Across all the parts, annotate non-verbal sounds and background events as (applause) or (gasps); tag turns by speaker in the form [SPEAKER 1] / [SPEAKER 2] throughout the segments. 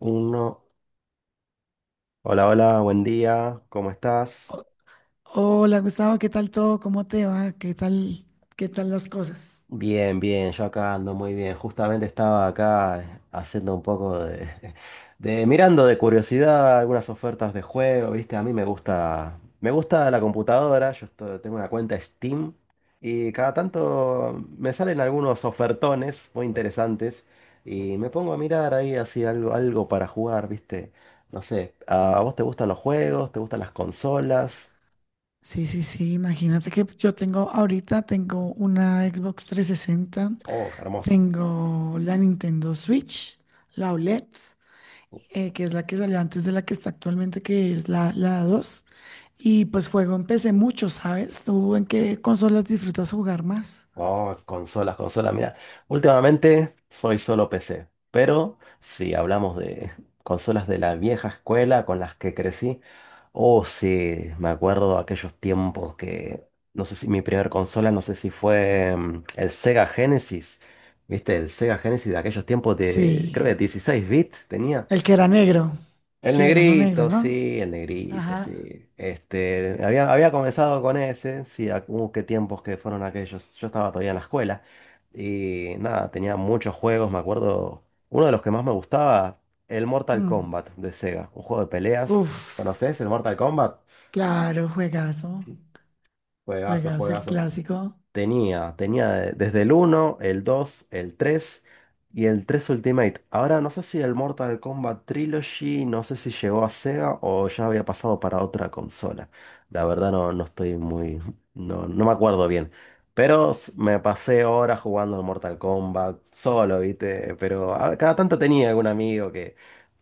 [SPEAKER 1] Uno. Hola, hola, buen día, ¿cómo estás?
[SPEAKER 2] Ho- Hola Gustavo, ¿qué tal todo? ¿Cómo te va? ¿Qué tal las cosas?
[SPEAKER 1] Bien, bien, yo acá ando muy bien. Justamente estaba acá haciendo un poco de, (laughs) de mirando de curiosidad algunas ofertas de juego, ¿viste? A mí me gusta la computadora, yo tengo una cuenta Steam y cada tanto me salen algunos ofertones muy interesantes y me pongo a mirar ahí así algo para jugar, ¿viste? No sé, ¿a vos te gustan los juegos? ¿Te gustan las consolas?
[SPEAKER 2] Sí, sí, sí, imagínate que yo tengo ahorita tengo una Xbox 360,
[SPEAKER 1] Oh, hermoso.
[SPEAKER 2] tengo la Nintendo Switch, la OLED, que es la que salió antes de la que está actualmente, que es la 2. Y pues juego en PC mucho, ¿sabes? ¿Tú en qué consolas disfrutas jugar más?
[SPEAKER 1] Oh, consolas, consolas. Mira, últimamente soy solo PC, pero si hablamos de consolas de la vieja escuela con las que crecí, oh sí, me acuerdo aquellos tiempos que, no sé si mi primer consola, no sé si fue el Sega Genesis, ¿viste? El Sega Genesis de aquellos tiempos de,
[SPEAKER 2] Sí,
[SPEAKER 1] creo que 16 bits tenía.
[SPEAKER 2] el que era negro,
[SPEAKER 1] El
[SPEAKER 2] sí, era uno negro,
[SPEAKER 1] negrito,
[SPEAKER 2] ¿no?
[SPEAKER 1] sí, el negrito,
[SPEAKER 2] Ajá.
[SPEAKER 1] sí. Este, había comenzado con ese, sí, qué tiempos que fueron aquellos. Yo estaba todavía en la escuela y nada, tenía muchos juegos, me acuerdo. Uno de los que más me gustaba, el Mortal
[SPEAKER 2] Mm.
[SPEAKER 1] Kombat de Sega, un juego de peleas.
[SPEAKER 2] Uf.
[SPEAKER 1] ¿Conoces el Mortal Kombat?
[SPEAKER 2] Claro, juegazo.
[SPEAKER 1] Juegazo,
[SPEAKER 2] Juegazo el
[SPEAKER 1] juegazo.
[SPEAKER 2] clásico.
[SPEAKER 1] Tenía desde el uno el 2 el 3 y el 3 Ultimate. Ahora no sé si el Mortal Kombat Trilogy, no sé si llegó a Sega o ya había pasado para otra consola. La verdad no, no estoy muy, no me acuerdo bien. Pero me pasé horas jugando al Mortal Kombat solo, ¿viste? Pero cada tanto tenía algún amigo que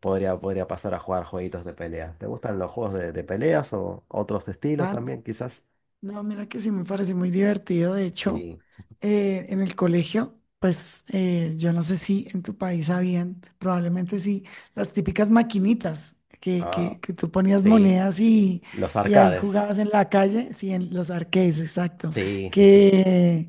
[SPEAKER 1] podría pasar a jugar jueguitos de pelea. ¿Te gustan los juegos de peleas o otros estilos
[SPEAKER 2] Ah,
[SPEAKER 1] también, quizás?
[SPEAKER 2] no, mira que sí me parece muy divertido. De hecho,
[SPEAKER 1] Sí.
[SPEAKER 2] en el colegio, pues yo no sé si en tu país habían, probablemente sí, las típicas maquinitas que,
[SPEAKER 1] Ah,
[SPEAKER 2] que, que tú ponías
[SPEAKER 1] sí.
[SPEAKER 2] monedas y,
[SPEAKER 1] Los
[SPEAKER 2] y ahí
[SPEAKER 1] arcades.
[SPEAKER 2] jugabas en la calle, sí, en los arcades, exacto.
[SPEAKER 1] Sí, sí, sí.
[SPEAKER 2] Que,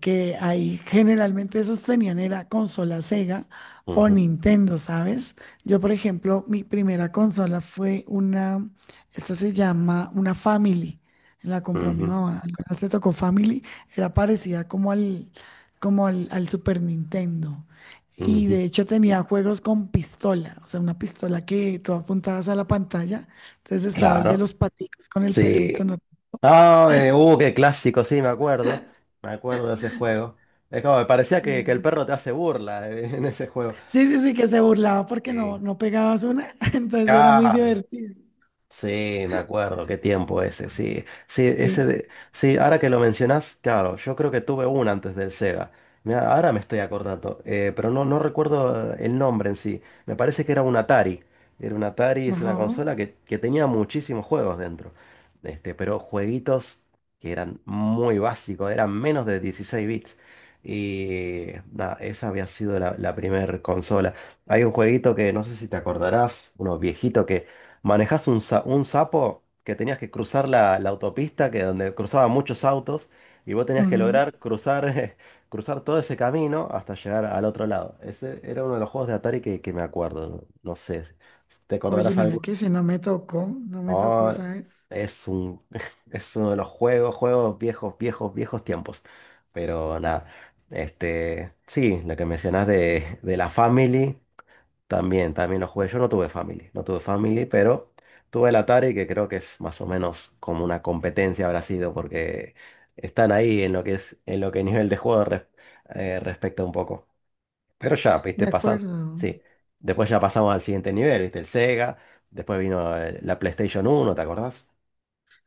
[SPEAKER 2] que ahí generalmente esos tenían era consola Sega o
[SPEAKER 1] Ujú,
[SPEAKER 2] Nintendo, ¿sabes? Yo, por ejemplo, mi primera consola fue una, esta se llama una Family, la compró mi
[SPEAKER 1] ujú,
[SPEAKER 2] mamá. Alguna vez te tocó Family. Era parecida como al Super Nintendo. Y de
[SPEAKER 1] ujú.
[SPEAKER 2] hecho tenía juegos con pistola. O sea, una pistola que tú apuntabas a la pantalla. Entonces estaba el de
[SPEAKER 1] Claro.
[SPEAKER 2] los paticos con el perrito,
[SPEAKER 1] Sí.
[SPEAKER 2] ¿no?
[SPEAKER 1] Ah, qué clásico, sí, me acuerdo. Me acuerdo de ese juego. Es como, me parecía
[SPEAKER 2] Sí,
[SPEAKER 1] que,
[SPEAKER 2] sí,
[SPEAKER 1] el
[SPEAKER 2] sí.
[SPEAKER 1] perro te hace burla (laughs) en ese juego.
[SPEAKER 2] Sí, sí, sí, que se burlaba porque no,
[SPEAKER 1] Sí.
[SPEAKER 2] no pegabas una. (laughs) Entonces era muy
[SPEAKER 1] Claro.
[SPEAKER 2] divertido.
[SPEAKER 1] Sí, me acuerdo, qué tiempo ese, sí. Sí, ese
[SPEAKER 2] Sí.
[SPEAKER 1] de- sí, ahora que lo mencionás, claro, yo creo que tuve uno antes del Sega. Mirá, ahora me estoy acordando, pero no recuerdo el nombre en sí. Me parece que era un Atari. Era un Atari, es
[SPEAKER 2] Ajá.
[SPEAKER 1] una consola que tenía muchísimos juegos dentro. Este, pero jueguitos que eran muy básicos, eran menos de 16 bits. Y nada, esa había sido la primera consola. Hay un jueguito que no sé si te acordarás, uno viejito manejás un sapo que tenías que cruzar la autopista, que donde cruzaban muchos autos, y vos tenías que
[SPEAKER 2] Ujú.
[SPEAKER 1] lograr cruzar, (laughs) cruzar todo ese camino hasta llegar al otro lado. Ese era uno de los juegos de Atari que me acuerdo. No, no sé, ¿te
[SPEAKER 2] Oye,
[SPEAKER 1] acordarás
[SPEAKER 2] mira
[SPEAKER 1] algo?
[SPEAKER 2] que ese no me tocó. No me tocó,
[SPEAKER 1] Oh,
[SPEAKER 2] ¿sabes?
[SPEAKER 1] es un, (laughs) es uno de los juegos, juegos viejos, viejos, viejos tiempos. Pero nada, este, sí, lo que mencionás de la Family. También lo jugué. Yo no tuve Family, no tuve Family, pero tuve el Atari, que creo que es más o menos como una competencia habrá sido, porque están ahí en lo que es, en lo que nivel de juego respecta un poco. Pero ya,
[SPEAKER 2] De
[SPEAKER 1] viste, pasando.
[SPEAKER 2] acuerdo.
[SPEAKER 1] Sí. Después ya pasamos al siguiente nivel, viste, el Sega. Después vino la PlayStation uno. ¿Te acordás?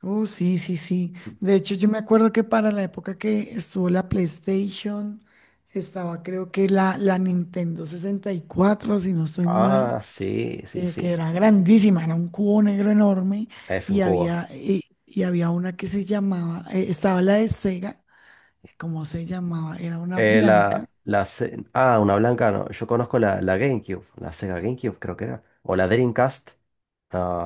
[SPEAKER 2] Oh, sí, sí, sí.
[SPEAKER 1] Mm.
[SPEAKER 2] De hecho, yo me acuerdo que para la época que estuvo la PlayStation, estaba creo que la Nintendo 64 si no estoy mal,
[SPEAKER 1] Ah, sí, sí,
[SPEAKER 2] que
[SPEAKER 1] sí.
[SPEAKER 2] era grandísima, era un cubo negro enorme
[SPEAKER 1] Es un
[SPEAKER 2] y
[SPEAKER 1] cubo.
[SPEAKER 2] y había una que se llamaba, estaba la de Sega, ¿cómo se llamaba? Era una blanca.
[SPEAKER 1] Una blanca no. Yo conozco la GameCube, la Sega GameCube creo que era. O la Dreamcast.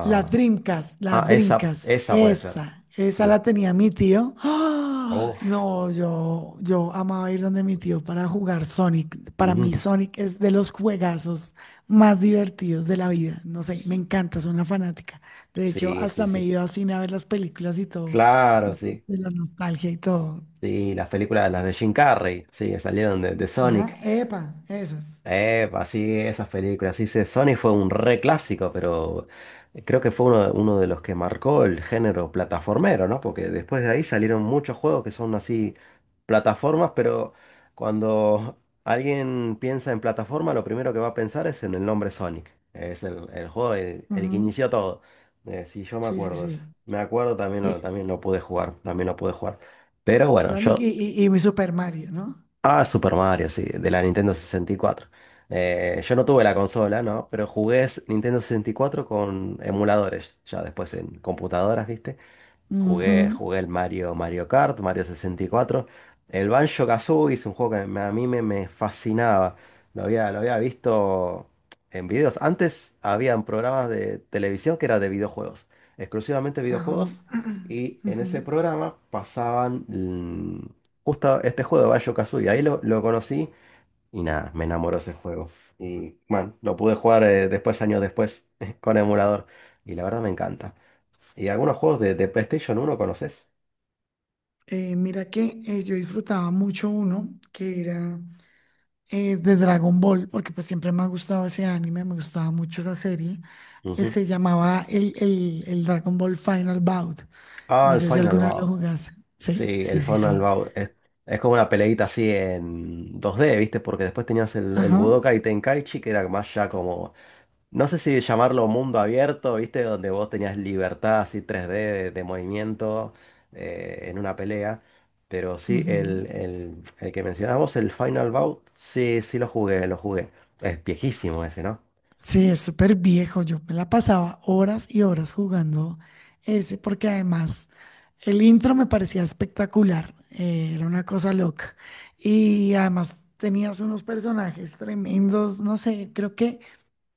[SPEAKER 2] La
[SPEAKER 1] ah, esa,
[SPEAKER 2] Dreamcast,
[SPEAKER 1] esa puede ser.
[SPEAKER 2] esa la
[SPEAKER 1] Sí.
[SPEAKER 2] tenía mi tío. (gasps) ¡Ah!
[SPEAKER 1] Uf.
[SPEAKER 2] No, yo amaba ir donde mi tío para jugar Sonic. Para mí
[SPEAKER 1] Ujú.
[SPEAKER 2] Sonic es de los juegazos más divertidos de la vida. No sé, me encanta, soy una fanática. De hecho,
[SPEAKER 1] Sí, sí,
[SPEAKER 2] hasta me he
[SPEAKER 1] sí.
[SPEAKER 2] ido a cine a ver las películas y todo,
[SPEAKER 1] Claro,
[SPEAKER 2] pues,
[SPEAKER 1] sí.
[SPEAKER 2] de la nostalgia y todo.
[SPEAKER 1] Sí, las películas, las de Jim Carrey, sí, que salieron de
[SPEAKER 2] Ajá,
[SPEAKER 1] Sonic.
[SPEAKER 2] epa, esas.
[SPEAKER 1] Así esas películas, sí, sí, Sonic fue un re clásico, pero creo que fue uno de los que marcó el género plataformero, ¿no? Porque después de ahí salieron muchos juegos que son así plataformas, pero cuando alguien piensa en plataforma, lo primero que va a pensar es en el nombre Sonic. Es el juego, el que
[SPEAKER 2] Ujú.
[SPEAKER 1] inició todo. Sí, yo me
[SPEAKER 2] Sí, sí,
[SPEAKER 1] acuerdo de eso.
[SPEAKER 2] sí.
[SPEAKER 1] Me acuerdo, también lo,
[SPEAKER 2] Y
[SPEAKER 1] también lo pude jugar, también lo pude jugar. Pero bueno,
[SPEAKER 2] Sonic y,
[SPEAKER 1] yo
[SPEAKER 2] y mi Super Mario, ¿no?
[SPEAKER 1] Ah, Super Mario, sí, de la Nintendo 64. Yo no tuve la consola, ¿no? Pero jugué Nintendo 64 con emuladores, ya después en computadoras, ¿viste?
[SPEAKER 2] Ujú,
[SPEAKER 1] Jugué el Mario, Mario Kart, Mario 64. El Banjo-Kazooie es un juego que a mí me fascinaba. Lo había visto en videos. Antes habían programas de televisión que era de videojuegos, exclusivamente
[SPEAKER 2] ajá,
[SPEAKER 1] videojuegos. Y
[SPEAKER 2] (clears throat)
[SPEAKER 1] en ese
[SPEAKER 2] ujú.
[SPEAKER 1] programa pasaban justo este juego de Banjo-Kazooie. Ahí lo conocí y nada, me enamoró ese juego. Y bueno, lo pude jugar después, años después, (laughs) con emulador. Y la verdad me encanta. Y algunos juegos de PlayStation uno conoces.
[SPEAKER 2] Mira que yo disfrutaba mucho uno que era de Dragon Ball, porque pues siempre me ha gustado ese anime, me gustaba mucho esa serie. Que
[SPEAKER 1] Ujú.
[SPEAKER 2] se llamaba el, el Dragon Ball Final Bout.
[SPEAKER 1] Ah,
[SPEAKER 2] No
[SPEAKER 1] el
[SPEAKER 2] sé si
[SPEAKER 1] Final
[SPEAKER 2] alguna vez lo
[SPEAKER 1] Bout.
[SPEAKER 2] jugaste. Sí,
[SPEAKER 1] Sí,
[SPEAKER 2] sí,
[SPEAKER 1] el
[SPEAKER 2] sí,
[SPEAKER 1] Final
[SPEAKER 2] sí.
[SPEAKER 1] Bout. Es como una peleita así en 2D, ¿viste? Porque después tenías el
[SPEAKER 2] Ajá.
[SPEAKER 1] Budokai Tenkaichi, que era más ya como. No sé si llamarlo mundo abierto, ¿viste? Donde vos tenías libertad así 3D de movimiento en una pelea. Pero sí,
[SPEAKER 2] Ujú.
[SPEAKER 1] el que mencionabas vos, el Final Bout, sí, sí lo jugué, lo jugué. Es viejísimo ese, ¿no?
[SPEAKER 2] Sí, es súper viejo. Yo me la pasaba horas y horas jugando ese, porque además el intro me parecía espectacular. Era una cosa loca. Y además tenías unos personajes tremendos. No sé, creo que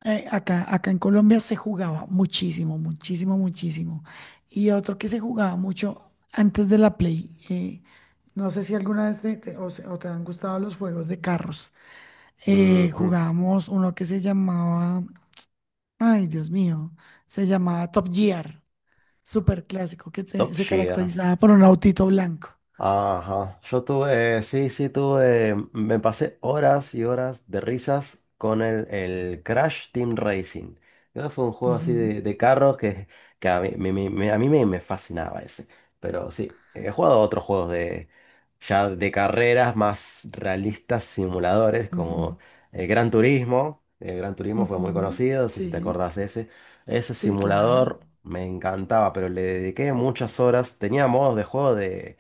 [SPEAKER 2] acá en Colombia se jugaba muchísimo, muchísimo, muchísimo. Y otro que se jugaba mucho antes de la Play. No sé si alguna vez te, te- o, se- o te han gustado los juegos de carros. Eh,
[SPEAKER 1] Ujú.
[SPEAKER 2] jugábamos uno que se llamaba. Ay, Dios mío, se llamaba Top Gear, súper clásico, que
[SPEAKER 1] Top
[SPEAKER 2] se
[SPEAKER 1] Gear.
[SPEAKER 2] caracterizaba por un autito blanco.
[SPEAKER 1] Ajá, yo tuve, sí, sí, tuve, me pasé horas y horas de risas con el Crash Team Racing. Creo que fue un juego así
[SPEAKER 2] Ujú,
[SPEAKER 1] de carros que a mí me fascinaba ese. Pero sí, he jugado a otros juegos ya de carreras más realistas, simuladores, como
[SPEAKER 2] ujú,
[SPEAKER 1] el Gran Turismo. El Gran Turismo fue muy
[SPEAKER 2] ujú.
[SPEAKER 1] conocido, no sé si te
[SPEAKER 2] Sí,
[SPEAKER 1] acordás de ese. Ese
[SPEAKER 2] sí, claro.
[SPEAKER 1] simulador me encantaba, pero le dediqué muchas horas. Tenía modos de juego de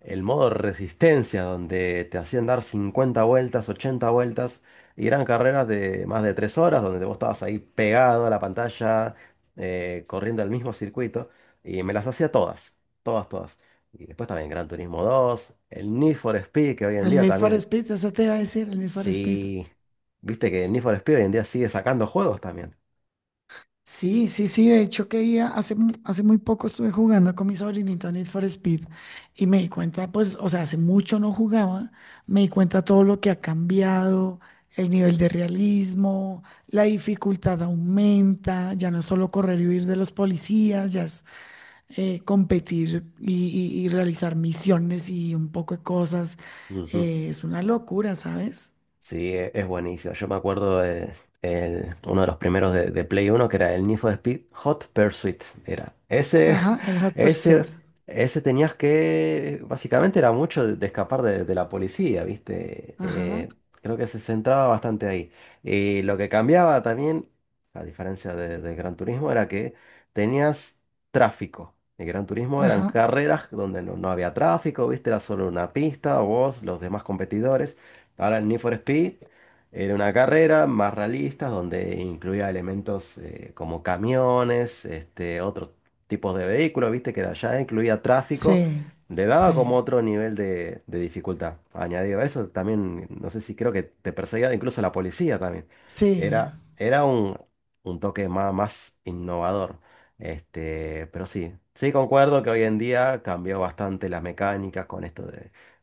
[SPEAKER 1] el modo resistencia, donde te hacían dar 50 vueltas, 80 vueltas, y eran carreras de más de 3 horas, donde vos estabas ahí pegado a la pantalla, corriendo el mismo circuito, y me las hacía todas, todas, todas. Y después también Gran Turismo 2 el Need for Speed, que hoy en
[SPEAKER 2] El
[SPEAKER 1] día
[SPEAKER 2] Need for
[SPEAKER 1] también,
[SPEAKER 2] Speed, eso te iba a decir, el Need for Speed.
[SPEAKER 1] sí, viste que el Need for Speed hoy en día sigue sacando juegos también.
[SPEAKER 2] Sí, sí, sí, de hecho que ya hace, hace muy poco estuve jugando con mi sobrinita Need for Speed y me di cuenta, pues, o sea, hace mucho no jugaba, me di cuenta todo lo que ha cambiado, el nivel de realismo, la dificultad aumenta, ya no es solo correr y huir de los policías, ya es competir y, y realizar misiones y un poco de cosas,
[SPEAKER 1] Ujú.
[SPEAKER 2] es una locura, ¿sabes?
[SPEAKER 1] Sí, es buenísimo. Yo me acuerdo de uno de los primeros de Play Uno que era el Need for Speed Hot Pursuit. Era ese,
[SPEAKER 2] Ajá, el
[SPEAKER 1] (laughs)
[SPEAKER 2] Hot Pursuit,
[SPEAKER 1] ese, ese, tenías que, básicamente era mucho de escapar de la policía, ¿viste?
[SPEAKER 2] ajá,
[SPEAKER 1] Creo que se centraba bastante ahí. Y lo que cambiaba también, a diferencia de Gran Turismo, era que tenías tráfico. El Gran Turismo eran
[SPEAKER 2] ajá,
[SPEAKER 1] carreras donde no había tráfico, ¿viste? Era solo una pista, vos, los demás competidores. Ahora el Need for Speed era una carrera más realista donde incluía elementos como camiones, este, otros tipos de vehículos, viste que ya incluía tráfico,
[SPEAKER 2] sí,
[SPEAKER 1] le daba como
[SPEAKER 2] sí.
[SPEAKER 1] otro nivel de dificultad. Añadido a eso, también, no sé si creo que te perseguía incluso la policía también.
[SPEAKER 2] Sí,
[SPEAKER 1] Era un, toque más, más innovador. Este, pero sí, sí concuerdo que hoy en día cambió bastante las mecánicas con esto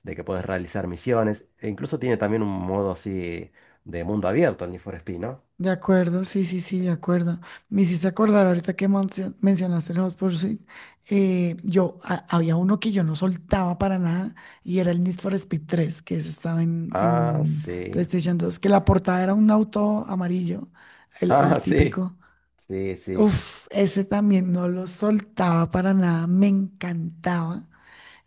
[SPEAKER 1] de que puedes realizar misiones. E incluso tiene también un modo así de mundo abierto el Need for Speed, ¿no?
[SPEAKER 2] de acuerdo, sí, sí, sí, de acuerdo. Me hiciste acordar ahorita que mencionaste los Pursuit. Yo, había uno que yo no soltaba para nada y era el Need for Speed 3, que ese estaba en,
[SPEAKER 1] Ah,
[SPEAKER 2] en
[SPEAKER 1] sí. (laughs)
[SPEAKER 2] PlayStation 2, que la portada era un auto amarillo, el,
[SPEAKER 1] Ah,
[SPEAKER 2] el
[SPEAKER 1] sí.
[SPEAKER 2] típico.
[SPEAKER 1] Sí, sí.
[SPEAKER 2] Uf, ese también no lo soltaba para nada, me encantaba.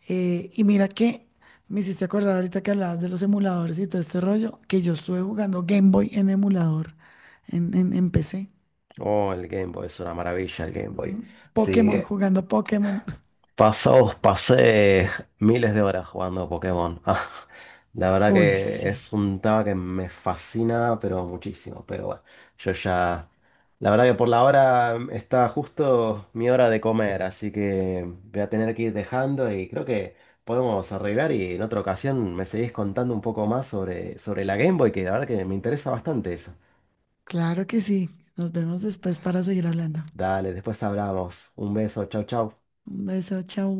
[SPEAKER 2] Y mira que me hiciste acordar ahorita que hablabas de los emuladores y todo este rollo, que yo estuve jugando Game Boy en emulador, en PC.
[SPEAKER 1] Oh, el Game Boy es una maravilla el Game Boy. Sí,
[SPEAKER 2] Pokémon, jugando Pokémon.
[SPEAKER 1] pasé miles de horas jugando Pokémon. (laughs) Ah, la verdad
[SPEAKER 2] (laughs) Uy,
[SPEAKER 1] que
[SPEAKER 2] sí,
[SPEAKER 1] es un tema que me fascina, pero muchísimo. Pero bueno, yo ya. La verdad que por la hora está justo mi hora de comer, así que voy a tener que ir dejando y creo que podemos arreglar y en otra ocasión me seguís contando un poco más sobre la Game Boy, que la verdad que me interesa bastante eso.
[SPEAKER 2] claro que sí. Nos vemos después para seguir hablando.
[SPEAKER 1] Dale, después hablamos. Un beso, chau, chau.
[SPEAKER 2] Un beso, chao.